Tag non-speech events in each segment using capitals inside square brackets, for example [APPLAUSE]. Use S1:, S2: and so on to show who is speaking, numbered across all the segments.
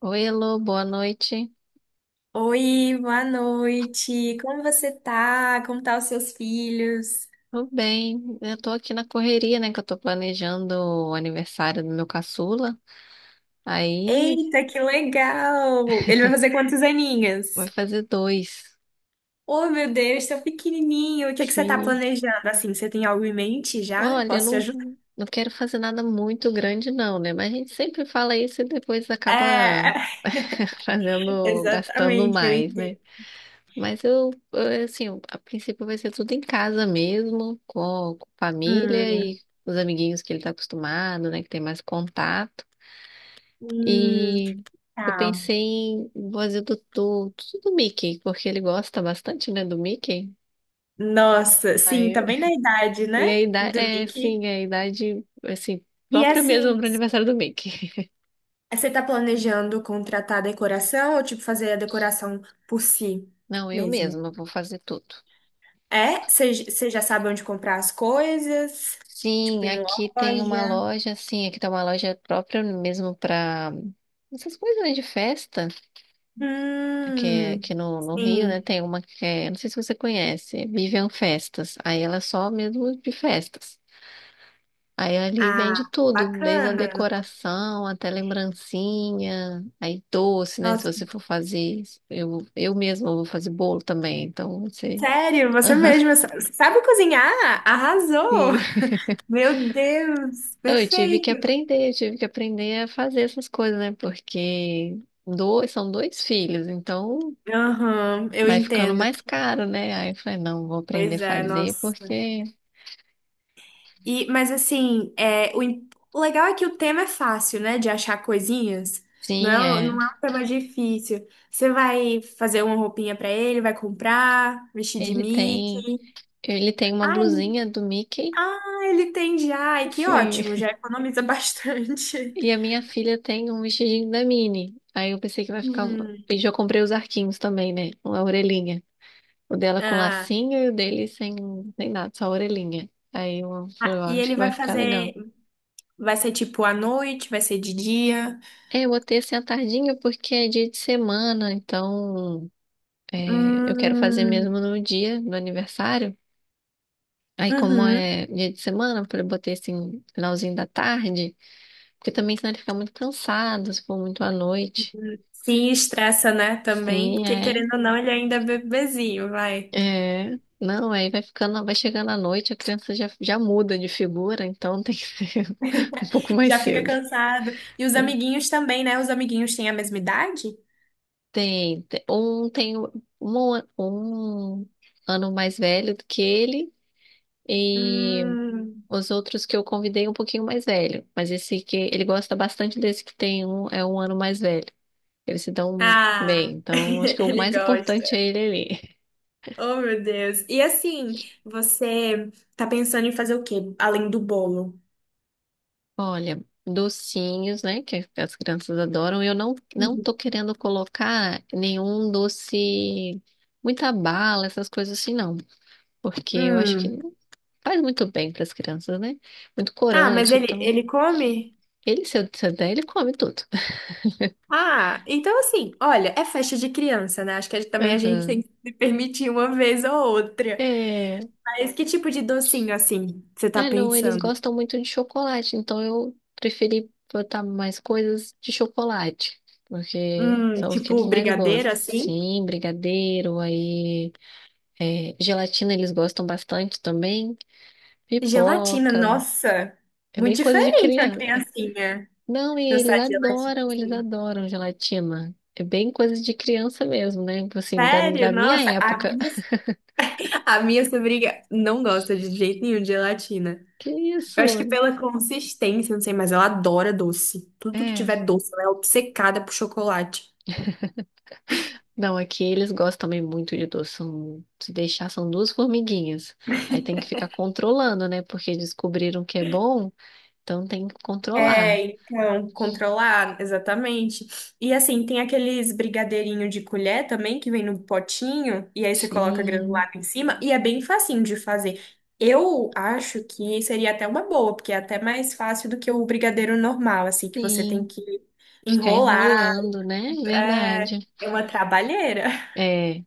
S1: Oi, Elô, boa noite.
S2: Oi, boa noite. Como você tá? Como tá os seus filhos?
S1: Tudo bem? Eu tô aqui na correria, né? Que eu tô planejando o aniversário do meu caçula. Aí
S2: Eita, que legal! Ele vai fazer quantos
S1: vai
S2: aninhos?
S1: fazer dois.
S2: Oh, meu Deus, tão pequenininho. O que é que você tá
S1: Sim.
S2: planejando? Assim, você tem algo em mente já?
S1: Olha, eu
S2: Posso te
S1: não,
S2: ajudar?
S1: não quero fazer nada muito grande, não, né? Mas a gente sempre fala isso e depois acaba
S2: É,
S1: [LAUGHS]
S2: [LAUGHS]
S1: fazendo, gastando
S2: exatamente, eu
S1: mais, né?
S2: entendo.
S1: Mas assim, a princípio vai ser tudo em casa mesmo, com família
S2: Hum,
S1: e os amiguinhos que ele tá acostumado, né? Que tem mais contato.
S2: hum,
S1: E eu
S2: tá.
S1: pensei em fazer do Mickey, porque ele gosta bastante, né, do Mickey.
S2: Nossa, sim, tá
S1: Aí,
S2: bem na idade,
S1: e
S2: né?
S1: a idade,
S2: Do
S1: é,
S2: Mickey.
S1: sim, a idade, assim,
S2: E
S1: própria mesmo
S2: assim,
S1: para o aniversário do Mickey.
S2: é, você tá planejando contratar decoração ou tipo fazer a decoração por si
S1: [LAUGHS] Não, eu
S2: mesmo?
S1: mesma vou fazer tudo.
S2: É? Você já sabe onde comprar as coisas? Tipo
S1: Sim,
S2: em
S1: aqui tem uma
S2: loja?
S1: loja, sim, aqui tem uma loja própria mesmo para essas coisas, né, de festa, que é
S2: Hum,
S1: aqui no Rio, né,
S2: sim.
S1: tem uma que é, não sei se você conhece, Vivian Festas, aí ela é só mesmo de festas. Aí ali vende
S2: Ah,
S1: tudo, desde a
S2: bacana.
S1: decoração até lembrancinha, aí doce, né? Se
S2: Nossa,
S1: você for fazer, eu mesma vou fazer bolo também, então você. [LAUGHS]
S2: sério, sabe cozinhar? Arrasou!
S1: Sim.
S2: Meu Deus, perfeito.
S1: Eu tive que aprender a fazer essas coisas, né? Porque dois, são dois filhos, então
S2: Aham, eu
S1: vai ficando
S2: entendo.
S1: mais caro, né? Aí eu falei, não, vou aprender a
S2: Pois é,
S1: fazer,
S2: nossa.
S1: porque
S2: E, mas assim, o legal é que o tema é fácil, né? De achar coisinhas.
S1: sim, é.
S2: Não é um tema difícil. Você vai fazer uma roupinha pra ele, vai comprar, vestir de
S1: Ele tem,
S2: Mickey.
S1: ele tem uma
S2: Ah, ele,
S1: blusinha do Mickey.
S2: ah, ele tem já. Ai, que
S1: Sim.
S2: ótimo, já economiza bastante.
S1: E a
S2: [LAUGHS]
S1: minha filha tem um vestidinho da Minnie. Aí eu pensei que vai ficar. Um.
S2: Hum,
S1: E já comprei os arquinhos também, né? Com a orelhinha. O dela com
S2: ah,
S1: lacinho e o dele sem nada, só a orelhinha. Aí eu falei,
S2: ah,
S1: ó,
S2: e
S1: acho que
S2: ele vai
S1: vai ficar legal.
S2: fazer. Vai ser tipo à noite, vai ser de dia.
S1: É, eu botei assim à tardinha porque é dia de semana, então é, eu quero fazer
S2: Hum,
S1: mesmo no dia do aniversário. Aí, como
S2: uhum.
S1: é dia de semana, eu falei, botei assim, finalzinho da tarde, porque também senão ele fica muito cansado, se for muito à noite.
S2: Sim, estressa, né? Também,
S1: Sim,
S2: porque
S1: é.
S2: querendo ou não, ele ainda é bebezinho, vai.
S1: É, não, aí vai ficando, vai chegando à noite, a criança já muda de figura, então tem que ser [LAUGHS] um pouco mais
S2: Já fica
S1: cedo.
S2: cansado. E os amiguinhos também, né? Os amiguinhos têm a mesma idade?
S1: Tem, um tem um, um ano mais velho do que ele e
S2: Hum.
S1: os outros que eu convidei um pouquinho mais velho, mas esse que ele gosta bastante desse que tem um é um ano mais velho. Eles se dão bem,
S2: Ah, [LAUGHS]
S1: então acho que o
S2: ele
S1: mais
S2: gosta.
S1: importante é ele ali.
S2: Oh, meu Deus. E assim, você tá pensando em fazer o quê, além do bolo?
S1: Olha, docinhos, né, que as crianças adoram. Eu não
S2: Uhum.
S1: tô querendo colocar nenhum doce, muita bala, essas coisas assim, não, porque eu acho que
S2: Hum.
S1: não faz muito bem para as crianças, né? Muito
S2: Ah, mas
S1: corante,
S2: ele,
S1: então
S2: ele come?
S1: ele se eu der, ele come tudo. [LAUGHS]
S2: Ah, então assim, olha, é festa de criança, né? Acho que a também a gente tem
S1: Aham.
S2: que se permitir uma vez ou outra.
S1: É,
S2: Mas que tipo de docinho, assim, você tá
S1: não, eles
S2: pensando?
S1: gostam muito de chocolate, então eu preferi botar mais coisas de chocolate, porque são os que
S2: Tipo
S1: eles mais
S2: brigadeiro,
S1: gostam.
S2: assim?
S1: Sim, brigadeiro, aí é, gelatina eles gostam bastante também.
S2: Gelatina,
S1: Pipoca.
S2: nossa,
S1: É bem
S2: muito
S1: coisa de
S2: diferente uma
S1: criança. É.
S2: criancinha
S1: Não, e
S2: gostar de gelatina
S1: eles
S2: assim.
S1: adoram gelatina. É bem coisa de criança mesmo, né? Tipo assim,
S2: Sério,
S1: da minha
S2: nossa,
S1: época. [LAUGHS]
S2: a minha sobrinha não gosta de jeito nenhum de gelatina.
S1: Que
S2: Eu acho que
S1: isso?
S2: pela consistência, não sei, mas ela adora doce. Tudo que tiver
S1: É.
S2: doce, ela é obcecada por chocolate.
S1: Não, aqui eles gostam também muito de doce. São, se deixar, são duas formiguinhas. Aí tem que ficar controlando, né? Porque descobriram que é bom, então tem que
S2: É,
S1: controlar.
S2: então, controlar, exatamente. E assim, tem aqueles brigadeirinho de colher também, que vem no potinho, e aí você coloca
S1: Sim,
S2: granulado em cima, e é bem facinho de fazer. Eu acho que seria até uma boa, porque é até mais fácil do que o brigadeiro normal, assim, que você tem
S1: sim.
S2: que
S1: Ficar
S2: enrolar.
S1: enrolando, né?
S2: É,
S1: Verdade.
S2: é uma trabalheira.
S1: É.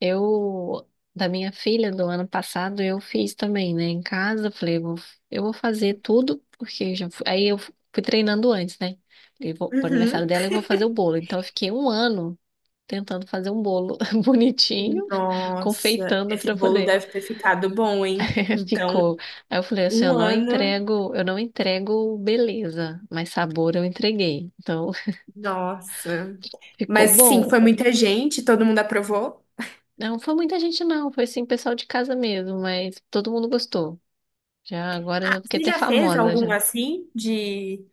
S1: Eu, da minha filha do ano passado, eu fiz também, né? Em casa, falei, vou, eu vou fazer tudo, porque eu já fui, aí eu fui treinando antes, né? Falei, vou, pro aniversário dela eu
S2: [LAUGHS]
S1: vou fazer o bolo. Então eu fiquei um ano tentando fazer um bolo [LAUGHS]
S2: Uhum.
S1: bonitinho,
S2: Nossa,
S1: confeitando
S2: esse
S1: para
S2: bolo
S1: poder.
S2: deve ter ficado bom, hein?
S1: [LAUGHS]
S2: Então,
S1: Ficou. Aí eu falei assim,
S2: um ano,
S1: eu não entrego beleza, mas sabor eu entreguei. Então [LAUGHS]
S2: nossa.
S1: ficou
S2: Mas sim,
S1: bom.
S2: foi muita gente, todo mundo aprovou.
S1: Não foi muita gente não, foi assim, pessoal de casa mesmo, mas todo mundo gostou. Já agora
S2: Ah,
S1: eu fiquei
S2: você
S1: até
S2: já fez
S1: famosa
S2: algum
S1: já.
S2: assim de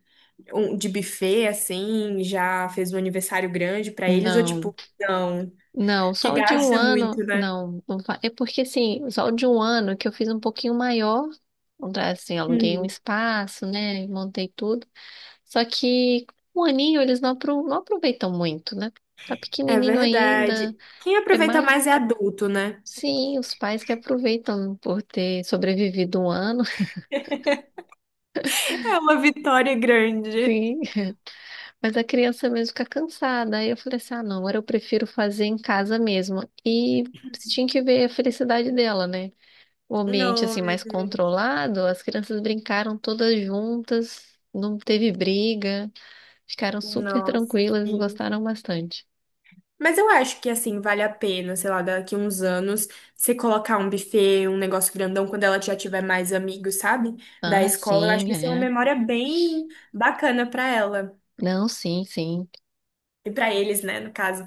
S2: um, de buffet assim, já fez um aniversário grande pra eles ou
S1: Não,
S2: tipo, não,
S1: não,
S2: que
S1: só o de um
S2: gasta
S1: ano,
S2: muito, né?
S1: não, não fa- é porque assim, só o de um ano que eu fiz um pouquinho maior, assim, aluguei um
S2: Hum,
S1: espaço, né, montei tudo, só que um aninho eles não, apro- não aproveitam muito, né, tá
S2: é
S1: pequenininho
S2: verdade.
S1: ainda,
S2: Quem
S1: é
S2: aproveita
S1: mais,
S2: mais é adulto, né?
S1: sim, os pais que aproveitam por ter sobrevivido um ano,
S2: [LAUGHS] É uma vitória grande.
S1: [LAUGHS] sim. Mas a criança mesmo fica cansada. Aí eu falei assim: ah, não, agora eu prefiro fazer em casa mesmo. E você tinha que ver a felicidade dela, né? O ambiente
S2: Não,
S1: assim
S2: meu
S1: mais
S2: Deus.
S1: controlado, as crianças brincaram todas juntas, não teve briga, ficaram super
S2: Nossa,
S1: tranquilas,
S2: sim.
S1: gostaram bastante.
S2: Mas eu acho que, assim, vale a pena, sei lá, daqui uns anos, você colocar um buffet, um negócio grandão, quando ela já tiver mais amigos, sabe? Da
S1: Ah,
S2: escola, eu acho
S1: sim,
S2: que vai ser uma
S1: é.
S2: memória bem bacana pra ela.
S1: Não, sim, sim.
S2: E pra eles, né, no caso.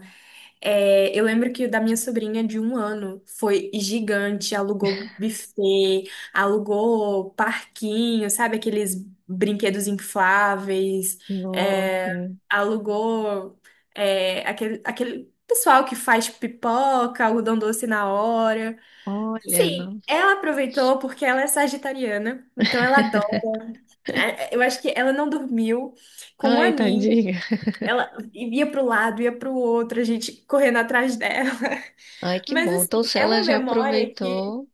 S2: É, eu lembro que o da minha sobrinha de um ano foi gigante, alugou buffet, alugou parquinho, sabe? Aqueles brinquedos infláveis, é,
S1: Nossa,
S2: alugou é, aquele pessoal que faz pipoca, algodão doce na hora.
S1: olha,
S2: Sim,
S1: não.
S2: ela aproveitou porque ela é sagitariana, então ela adora. É, é, eu acho que ela não dormiu com um
S1: Ai,
S2: aninho,
S1: tadinha.
S2: ela ia pro lado, ia pro outro, a gente correndo atrás dela.
S1: Ai, que
S2: Mas
S1: bom. Então,
S2: assim,
S1: se
S2: é
S1: ela
S2: uma
S1: já
S2: memória que
S1: aproveitou,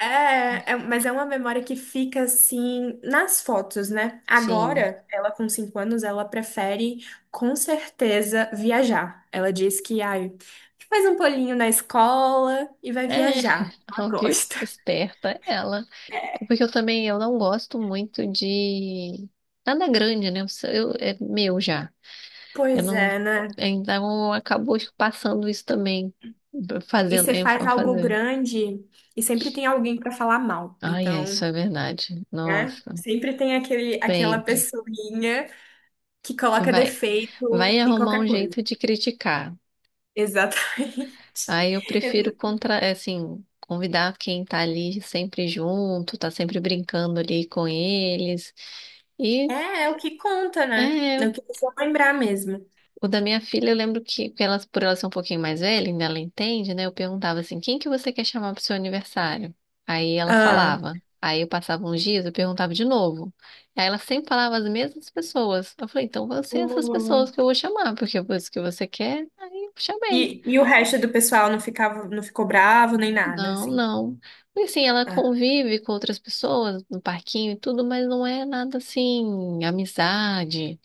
S2: mas é uma memória que fica assim nas fotos, né?
S1: sim.
S2: Agora, ela com cinco anos, ela prefere com certeza viajar. Ela diz que ai, faz um polinho na escola e vai
S1: É,
S2: viajar.
S1: [LAUGHS]
S2: Ela
S1: ó, viu?
S2: gosta.
S1: Esperta ela. É porque eu também eu não gosto muito de nada grande, né? Eu, é meu já. Eu
S2: Pois
S1: não.
S2: é, né?
S1: Então acabou passando isso também,
S2: E
S1: fazendo,
S2: você
S1: eu
S2: faz
S1: vou
S2: algo
S1: fazer.
S2: grande e sempre tem alguém pra falar mal.
S1: Ai, é isso
S2: Então,
S1: é verdade.
S2: né?
S1: Nossa,
S2: Sempre tem aquela
S1: sempre.
S2: pessoinha que coloca
S1: Vai, vai
S2: defeito em
S1: arrumar
S2: qualquer
S1: um
S2: coisa.
S1: jeito de criticar.
S2: Exatamente.
S1: Aí eu prefiro
S2: [LAUGHS]
S1: contra, é assim, convidar quem tá ali sempre junto, tá sempre brincando ali com eles. E
S2: É, é o que conta, né?
S1: é,
S2: É o que precisa lembrar mesmo.
S1: o da minha filha, eu lembro que elas, por ela ser um pouquinho mais velha, ainda ela entende, né? Eu perguntava assim, quem que você quer chamar pro seu aniversário? Aí ela
S2: Ah.
S1: falava. Aí eu passava uns dias, eu perguntava de novo. Aí ela sempre falava as mesmas pessoas. Eu falei, então vão ser essas
S2: O-
S1: pessoas que eu vou chamar, porque foi isso que você quer. Aí eu chamei.
S2: E, e o resto do pessoal não ficava, não ficou bravo nem nada,
S1: Não,
S2: assim.
S1: não. E assim, ela
S2: Ah.
S1: convive com outras pessoas no parquinho e tudo, mas não é nada assim, amizade.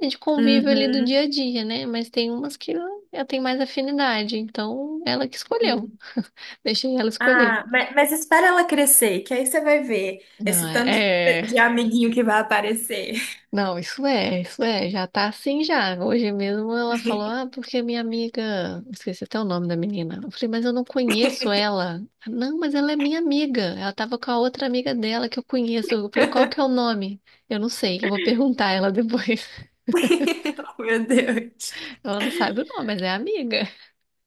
S1: É de convívio ali do
S2: Uhum.
S1: dia a dia, né? Mas tem umas que eu tenho mais afinidade, então ela que escolheu.
S2: Sim.
S1: Deixei ela escolher.
S2: Ah, mas espera ela crescer, que aí você vai ver
S1: Não,
S2: esse tanto
S1: é, é-
S2: de amiguinho que vai aparecer.
S1: não, isso é, já tá assim já. Hoje mesmo ela falou, ah, porque minha amiga, esqueci até o nome da menina. Eu falei, mas eu não conheço ela. Não, mas ela é minha amiga. Ela tava com a outra amiga dela que eu conheço. Eu falei, qual que é o nome? Eu não sei, eu vou perguntar a ela depois. [LAUGHS]
S2: [LAUGHS] Meu Deus.
S1: Ela não sabe o nome, mas é amiga.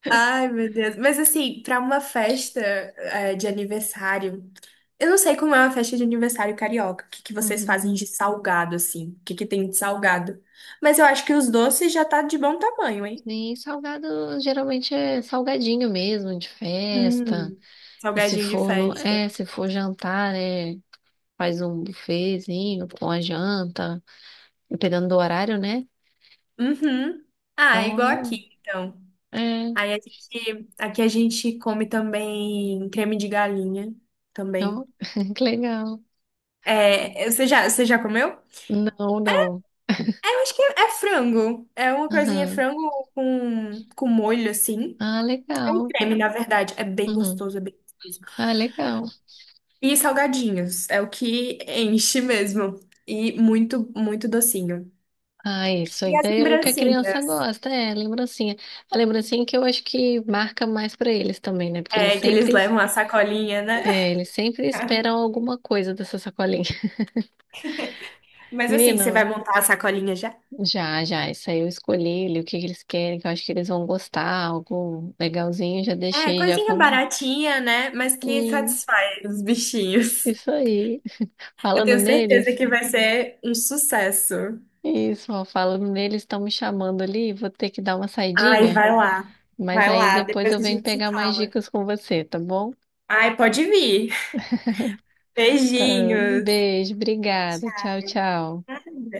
S2: Ai, meu Deus. Mas assim, pra uma festa é, de aniversário, eu não sei como é uma festa de aniversário carioca. O que que vocês
S1: Uhum.
S2: fazem de salgado, assim? O que que tem de salgado? Mas eu acho que os doces já tá de bom tamanho, hein?
S1: E salgado geralmente é salgadinho mesmo, de festa.
S2: Hum,
S1: E
S2: salgadinho de festa.
S1: se for jantar, é, faz um buffetzinho com a janta, dependendo do horário, né?
S2: Uhum. Ah, é igual
S1: Então,
S2: aqui, então.
S1: é,
S2: Aí a gente, aqui a gente come também creme de galinha, também.
S1: então, [LAUGHS] que legal.
S2: É, você já comeu?
S1: Não, não.
S2: É, eu acho que é, é frango. É uma coisinha
S1: Aham.
S2: frango com molho, assim.
S1: Ah,
S2: É um
S1: legal.
S2: creme, na verdade. É bem
S1: Uhum.
S2: gostoso, é bem gostoso.
S1: Ah, legal.
S2: E salgadinhos, é o que enche mesmo. E muito, muito docinho.
S1: Ah, isso
S2: E
S1: aí
S2: as
S1: é o que a criança
S2: lembrancinhas,
S1: gosta, é, lembrancinha. A lembrancinha que eu acho que marca mais pra eles também, né? Porque eles
S2: é, que eles
S1: sempre
S2: levam a sacolinha, né?
S1: é, eles sempre
S2: [LAUGHS]
S1: esperam alguma coisa dessa sacolinha. [LAUGHS]
S2: Mas assim, você vai
S1: Menino,
S2: montar a sacolinha já?
S1: já, já, isso aí eu escolhi li o que que eles querem, que eu acho que eles vão gostar, algo legalzinho, já
S2: É,
S1: deixei, já
S2: coisinha
S1: comprei.
S2: baratinha, né? Mas que
S1: Sim,
S2: satisfaz os bichinhos.
S1: isso aí.
S2: Eu
S1: Falando
S2: tenho certeza
S1: neles,
S2: que vai ser um sucesso.
S1: isso, ó, falando neles, estão me chamando ali, vou ter que dar uma
S2: Ai,
S1: saidinha,
S2: vai lá.
S1: mas
S2: Vai
S1: aí
S2: lá,
S1: depois
S2: depois
S1: eu
S2: a
S1: venho
S2: gente se
S1: pegar mais
S2: fala.
S1: dicas com você, tá bom?
S2: Ai, pode vir.
S1: Tá,
S2: Beijinhos.
S1: beijo, obrigada, tchau, tchau.
S2: Nada.